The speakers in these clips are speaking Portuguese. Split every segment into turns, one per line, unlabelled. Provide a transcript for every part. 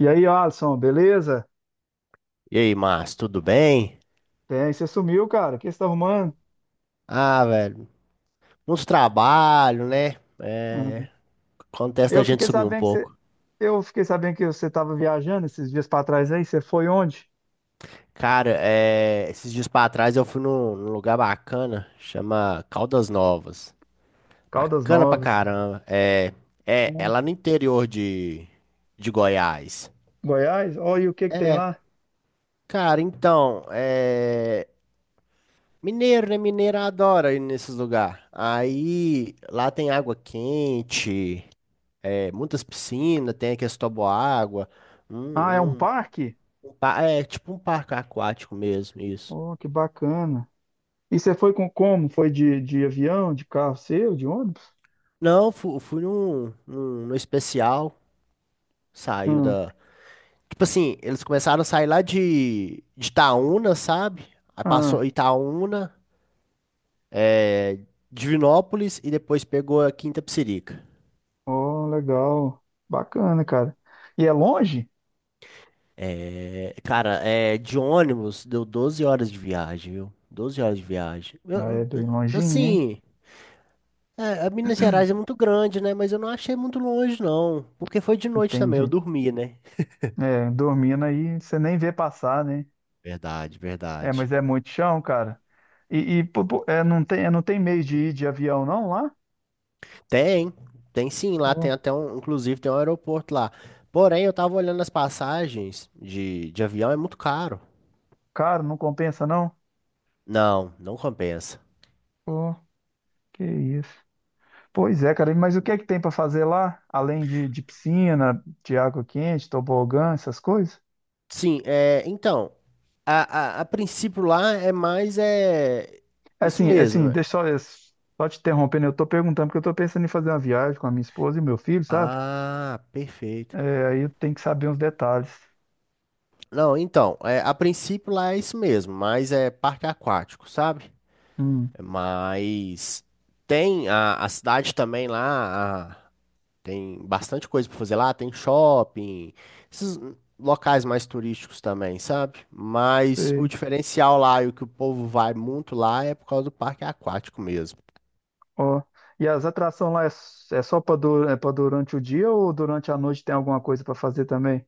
E aí, Alisson, beleza?
E aí, Márcio, tudo bem?
Bem, você sumiu, cara. O que você tá arrumando?
Ah, velho, uns trabalhos, né?
Ah,
É, acontece
eu
da gente
fiquei
sumir um
sabendo
pouco.
eu fiquei sabendo que você estava viajando esses dias para trás aí. Você foi onde?
Cara, é, esses dias pra trás eu fui num lugar bacana, chama Caldas Novas.
Caldas
Bacana pra
Novas.
caramba. É
Ó,
lá no interior de Goiás.
Goiás? Ó, e o que que tem lá?
Cara, então, é, mineiro, né? Mineiro adora ir nesses lugares. Aí, lá tem água quente. É, muitas piscinas, tem aqueles toboágua, um,
Ah, é um
um,
parque?
é tipo um parque aquático mesmo, isso.
Oh, que bacana. E você foi com como? Foi de avião, de carro seu, de ônibus?
Não, fui num especial, saiu
Hum,
da... Tipo assim, eles começaram a sair lá de Itaúna, sabe? Aí
ah,
passou Itaúna, Divinópolis e depois pegou a Quinta Psirica.
oh, legal. Bacana, cara. E é longe?
É, cara, é, de ônibus deu 12 horas de viagem, viu? 12 horas de viagem.
Ah, é bem longinho, hein?
É, a Minas Gerais é muito grande, né? Mas eu não achei muito longe, não. Porque foi de noite também, eu
Entendi.
dormi, né?
É, dormindo aí, você nem vê passar, né?
Verdade,
É, mas
verdade.
é muito chão, cara. Não tem, não tem meio de ir de avião, não, lá?
Tem, tem sim, lá tem
Ô,
até um, inclusive tem um aeroporto lá. Porém, eu tava olhando as passagens de avião, é muito caro.
cara, não compensa, não?
Não, não compensa.
Pô, que isso. Pois é, cara, mas o que é que tem pra fazer lá? Além de piscina, de água quente, tobogã, essas coisas?
Sim, é, então, a princípio lá é mais, é, isso mesmo.
Deixa só, só te interrompendo, eu tô perguntando porque eu tô pensando em fazer uma viagem com a minha esposa e meu filho, sabe?
Ah, perfeito.
É, aí eu tenho que saber uns detalhes.
Não, então, é, a princípio lá é isso mesmo, mas é parque aquático, sabe?
Hum,
Mas tem a cidade também lá, tem bastante coisa para fazer lá, tem shopping, esses locais mais turísticos também, sabe? Mas o
sei.
diferencial lá e o que o povo vai muito lá é por causa do parque aquático mesmo.
Ó. E as atrações lá é, é só para é para durante o dia ou durante a noite tem alguma coisa para fazer também?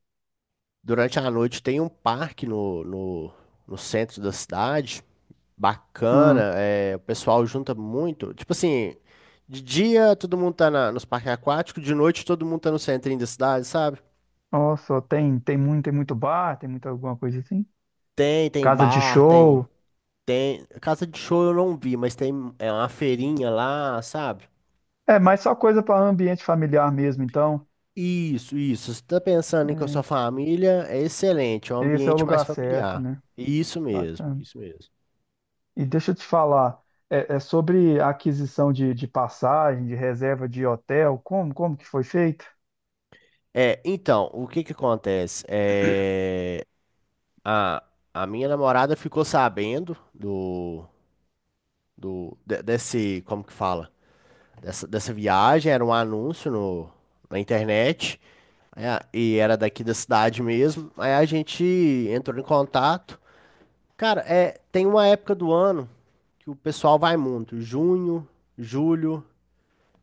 Durante a noite tem um parque no centro da cidade,
Hum.
bacana, é, o pessoal junta muito, tipo assim, de dia todo mundo tá nos parques aquáticos, de noite todo mundo tá no centrinho da cidade, sabe?
Ó, só tem tem muito bar, tem muita alguma coisa assim.
Tem
Casa de
bar, tem,
show.
tem. Casa de show eu não vi, mas tem é uma feirinha lá, sabe?
É, mas só coisa para ambiente familiar mesmo, então.
Isso, isso. Se tá pensando em com a sua família, é excelente, é um
É, esse é o
ambiente mais
lugar certo,
familiar.
né?
Isso mesmo,
Bacana.
isso mesmo.
E deixa eu te falar, é, é sobre a aquisição de passagem, de reserva de hotel, como que foi feito?
É, então, o que que acontece? É, a, a minha namorada ficou sabendo desse, como que fala? Dessa viagem, era um anúncio no, na internet. É, e era daqui da cidade mesmo. Aí a gente entrou em contato. Cara, é, tem uma época do ano que o pessoal vai muito. Junho, julho,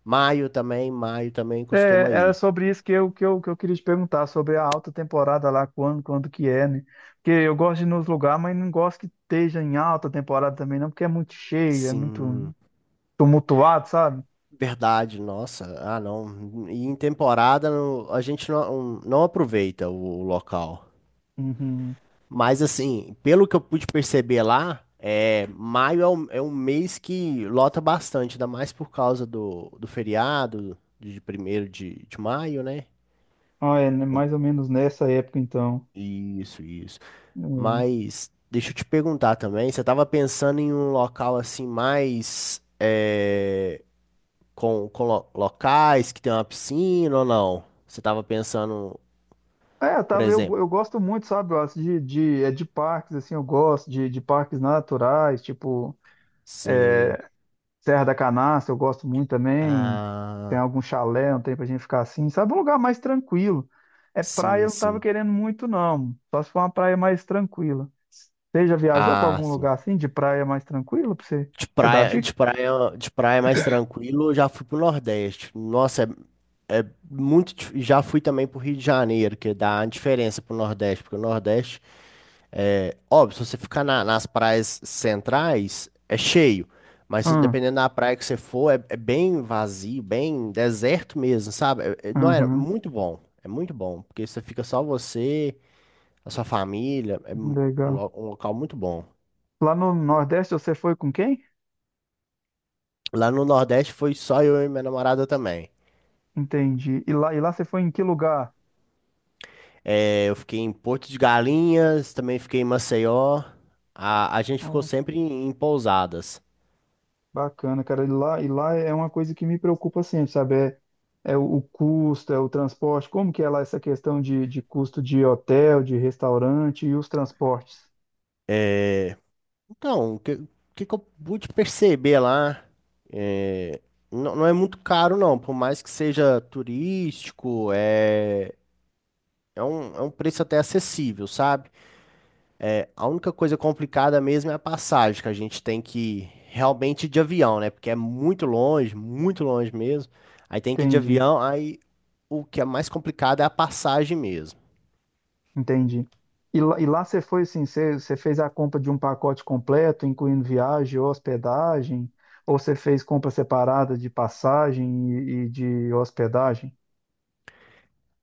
maio também. Maio também
É,
costuma
era
ir.
sobre isso que eu queria te perguntar, sobre a alta temporada lá, quando que é, né? Porque eu gosto de ir nos lugares, mas não gosto que esteja em alta temporada também, não, porque é muito cheio, é muito
Sim,
tumultuado, sabe?
verdade. Nossa, ah não. E em temporada a gente não aproveita o local.
Uhum.
Mas assim, pelo que eu pude perceber lá, é, maio é um mês que lota bastante, ainda mais por causa do feriado de primeiro de maio, né?
Ah, é, né, mais ou menos nessa época, então.
Isso, isso.
Hum.
Mas deixa eu te perguntar também, você estava pensando em um local assim mais é, com locais que tem uma piscina ou não? Você estava pensando,
É, tá,
por exemplo,
eu gosto muito, sabe, Wallace, de parques, assim, eu gosto de parques naturais, tipo
sim.
Serra da Canastra, eu gosto muito também. Tem
Ah,
algum chalé, não tem pra gente ficar assim. Sabe um lugar mais tranquilo. É praia,
sim,
eu não tava
sim.
querendo muito, não. Só se for uma praia mais tranquila. Você já viajou pra
Ah,
algum
sim.
lugar assim, de praia mais tranquila, pra você,
De
você dar
praia, de
dica?
praia, de praia mais tranquilo, eu já fui pro Nordeste. Nossa, já fui também pro Rio de Janeiro, que dá uma diferença pro Nordeste, porque o Nordeste é óbvio, se você ficar nas praias centrais, é cheio. Mas
Hum,
dependendo da praia que você for, é bem vazio, bem deserto mesmo, sabe? Não era
uhum,
muito bom. É muito bom, porque você fica só você, a sua família, é um
legal.
lo- um local muito bom.
Lá no Nordeste você foi com quem?
Lá no Nordeste foi só eu e minha namorada também.
Entendi. E lá você foi em que lugar?
É, eu fiquei em Porto de Galinhas, também fiquei em Maceió. A gente ficou sempre em pousadas.
Bacana, cara. E lá é uma coisa que me preocupa sempre, sabe? É, é o custo, é o transporte. Como que é lá essa questão de custo de hotel, de restaurante e os transportes?
Então, o que que eu pude perceber lá? É, não, não é muito caro, não. Por mais que seja turístico, é um preço até acessível, sabe? A única coisa complicada mesmo é a passagem, que a gente tem que realmente ir de avião, né? Porque é muito longe mesmo. Aí tem que ir de
Entendi,
avião, aí o que é mais complicado é a passagem mesmo.
entendi. E lá você foi assim, você fez a compra de um pacote completo, incluindo viagem, hospedagem, ou você fez compra separada de passagem e de hospedagem?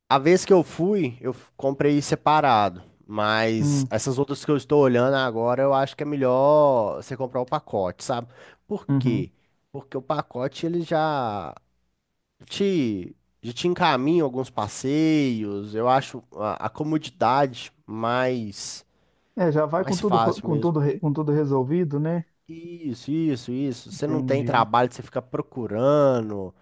A vez que eu fui, eu comprei separado. Mas
Hum,
essas outras que eu estou olhando agora, eu acho que é melhor você comprar o pacote, sabe? Por
uhum.
quê? Porque o pacote ele te, já te encaminha alguns passeios. Eu acho a comodidade mais,
É, já vai com
mais
tudo,
fácil
com
mesmo.
tudo, com tudo resolvido, né?
Isso, isso, isso. Você não tem
Entendi,
trabalho de você ficar procurando.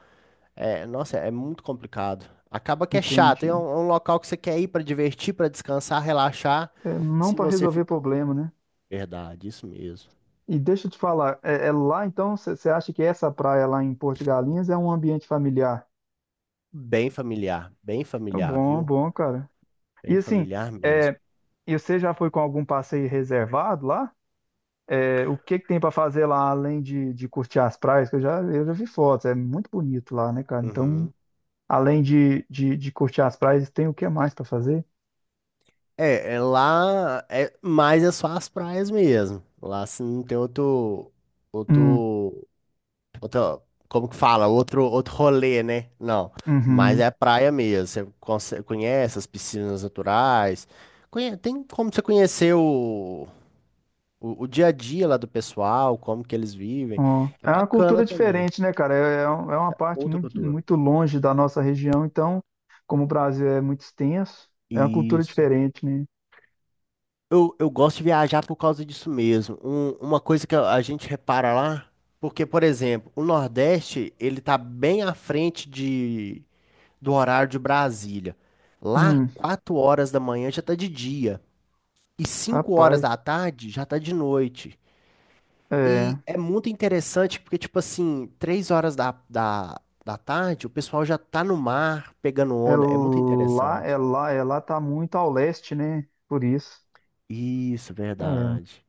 É, nossa, é muito complicado. Acaba que é chato. É
entendi.
um, é um local que você quer ir para divertir, para descansar, relaxar.
É, não
Se
para
você
resolver
fica.
problema, né?
Verdade, isso mesmo.
E deixa eu te falar, é lá então, você acha que essa praia lá em Porto de Galinhas é um ambiente familiar?
Bem
É
familiar,
bom,
viu?
bom, cara.
Bem
E assim,
familiar mesmo.
é, e você já foi com algum passeio reservado lá? É, o que que tem para fazer lá além de curtir as praias? Eu já vi fotos, é muito bonito lá, né, cara? Então,
Uhum.
além de curtir as praias, tem o que mais para fazer?
É lá, é, mas é só as praias mesmo. Lá assim, não tem
Hum,
outro Outro, como que fala? Outro rolê, né? Não, mas
uhum.
é praia mesmo. Você conhece as piscinas naturais. Tem como você conhecer o dia a dia lá do pessoal, como que eles vivem.
Ó,
É
é uma
bacana
cultura
também.
diferente, né, cara? É uma parte
Outra
muito,
cultura.
muito longe da nossa região, então, como o Brasil é muito extenso, é uma cultura
Isso.
diferente, né?
Eu gosto de viajar por causa disso mesmo. Uma coisa que a gente repara lá, porque, por exemplo, o Nordeste, ele tá bem à frente do horário de Brasília. Lá,
Hum,
4 horas da manhã já tá de dia. E 5 horas
rapaz,
da tarde já tá de noite.
é,
E é muito interessante porque, tipo assim, 3 horas da tarde o pessoal já tá no mar pegando onda. É muito interessante.
é lá, tá muito ao leste, né? Por isso.
Isso,
É.
verdade.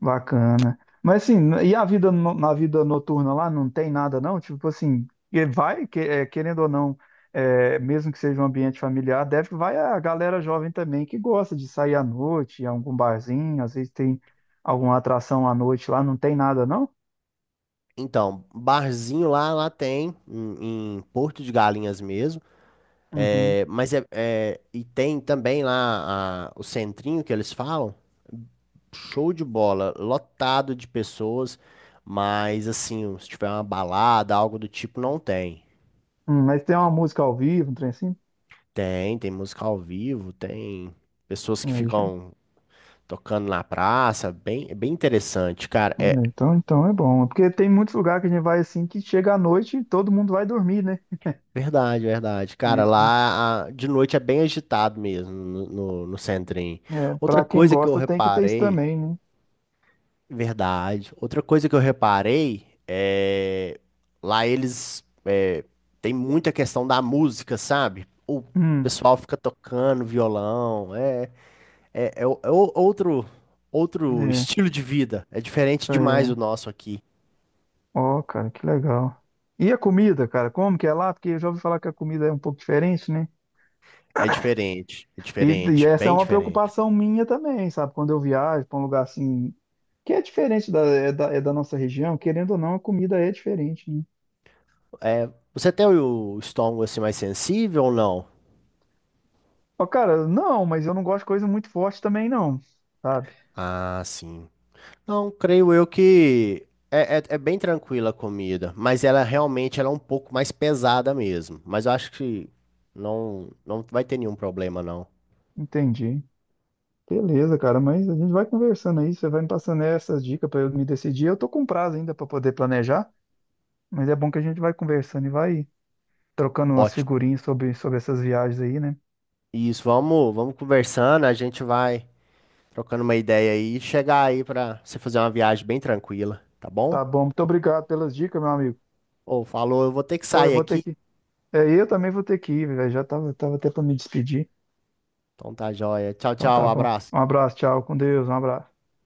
Bacana. Mas assim, e a vida na vida noturna lá não tem nada não? Tipo assim, e vai, é, querendo ou não, é, mesmo que seja um ambiente familiar, deve que vai a galera jovem também que gosta de sair à noite, ir a algum barzinho, às vezes tem alguma atração à noite lá, não tem nada não?
Então, barzinho lá, lá tem, em Porto de Galinhas mesmo.
Uhum.
É, mas e tem também lá o centrinho que eles falam, show de bola, lotado de pessoas, mas assim, se tiver uma balada, algo do tipo, não tem.
Mas tem uma música ao vivo, um trem assim?
Tem música ao vivo, tem pessoas que
É, já-
ficam tocando na praça, bem, é bem interessante, cara. É
então é bom. Porque tem muitos lugares que a gente vai assim que chega à noite e todo mundo vai dormir, né?
verdade, verdade. Cara, lá de noite é bem agitado mesmo no centrinho.
É, é,
Outra
para quem
coisa que eu
gosta tem que ter isso
reparei
também, né?
Verdade. Outra coisa que eu reparei é lá eles tem muita questão da música, sabe? O
Hum,
pessoal fica tocando violão, outro
é.
estilo de vida. É diferente demais do
É.
nosso aqui.
Ó, cara, que legal. E a comida, cara, como que é lá? Porque eu já ouvi falar que a comida é um pouco diferente, né?
É
E
diferente,
essa é
bem
uma
diferente.
preocupação minha também, sabe? Quando eu viajo para um lugar assim, que é diferente é da nossa região, querendo ou não, a comida é diferente, né?
É, você tem o estômago assim mais sensível ou não?
Ó, cara, não, mas eu não gosto de coisa muito forte também, não, sabe?
Ah, sim. Então, creio eu que é bem tranquila a comida, mas ela realmente ela é um pouco mais pesada mesmo. Mas eu acho que não, não vai ter nenhum problema, não.
Entendi. Beleza, cara, mas a gente vai conversando aí, você vai me passando essas dicas para eu me decidir. Eu tô com prazo ainda para poder planejar, mas é bom que a gente vai conversando e vai trocando umas
Ótimo.
figurinhas sobre essas viagens aí, né?
Isso, vamos conversando, a gente vai trocando uma ideia aí e chegar aí pra você fazer uma viagem bem tranquila, tá bom?
Tá bom, muito obrigado pelas dicas, meu amigo.
Ou falou, eu vou ter que
Ou eu
sair
vou ter
aqui.
que. É, eu também vou ter que ir, velho. Tava até pra me despedir.
Então tá joia. Tchau,
Então tá
tchau,
bom. Um
abraço.
abraço, tchau, com Deus, um abraço.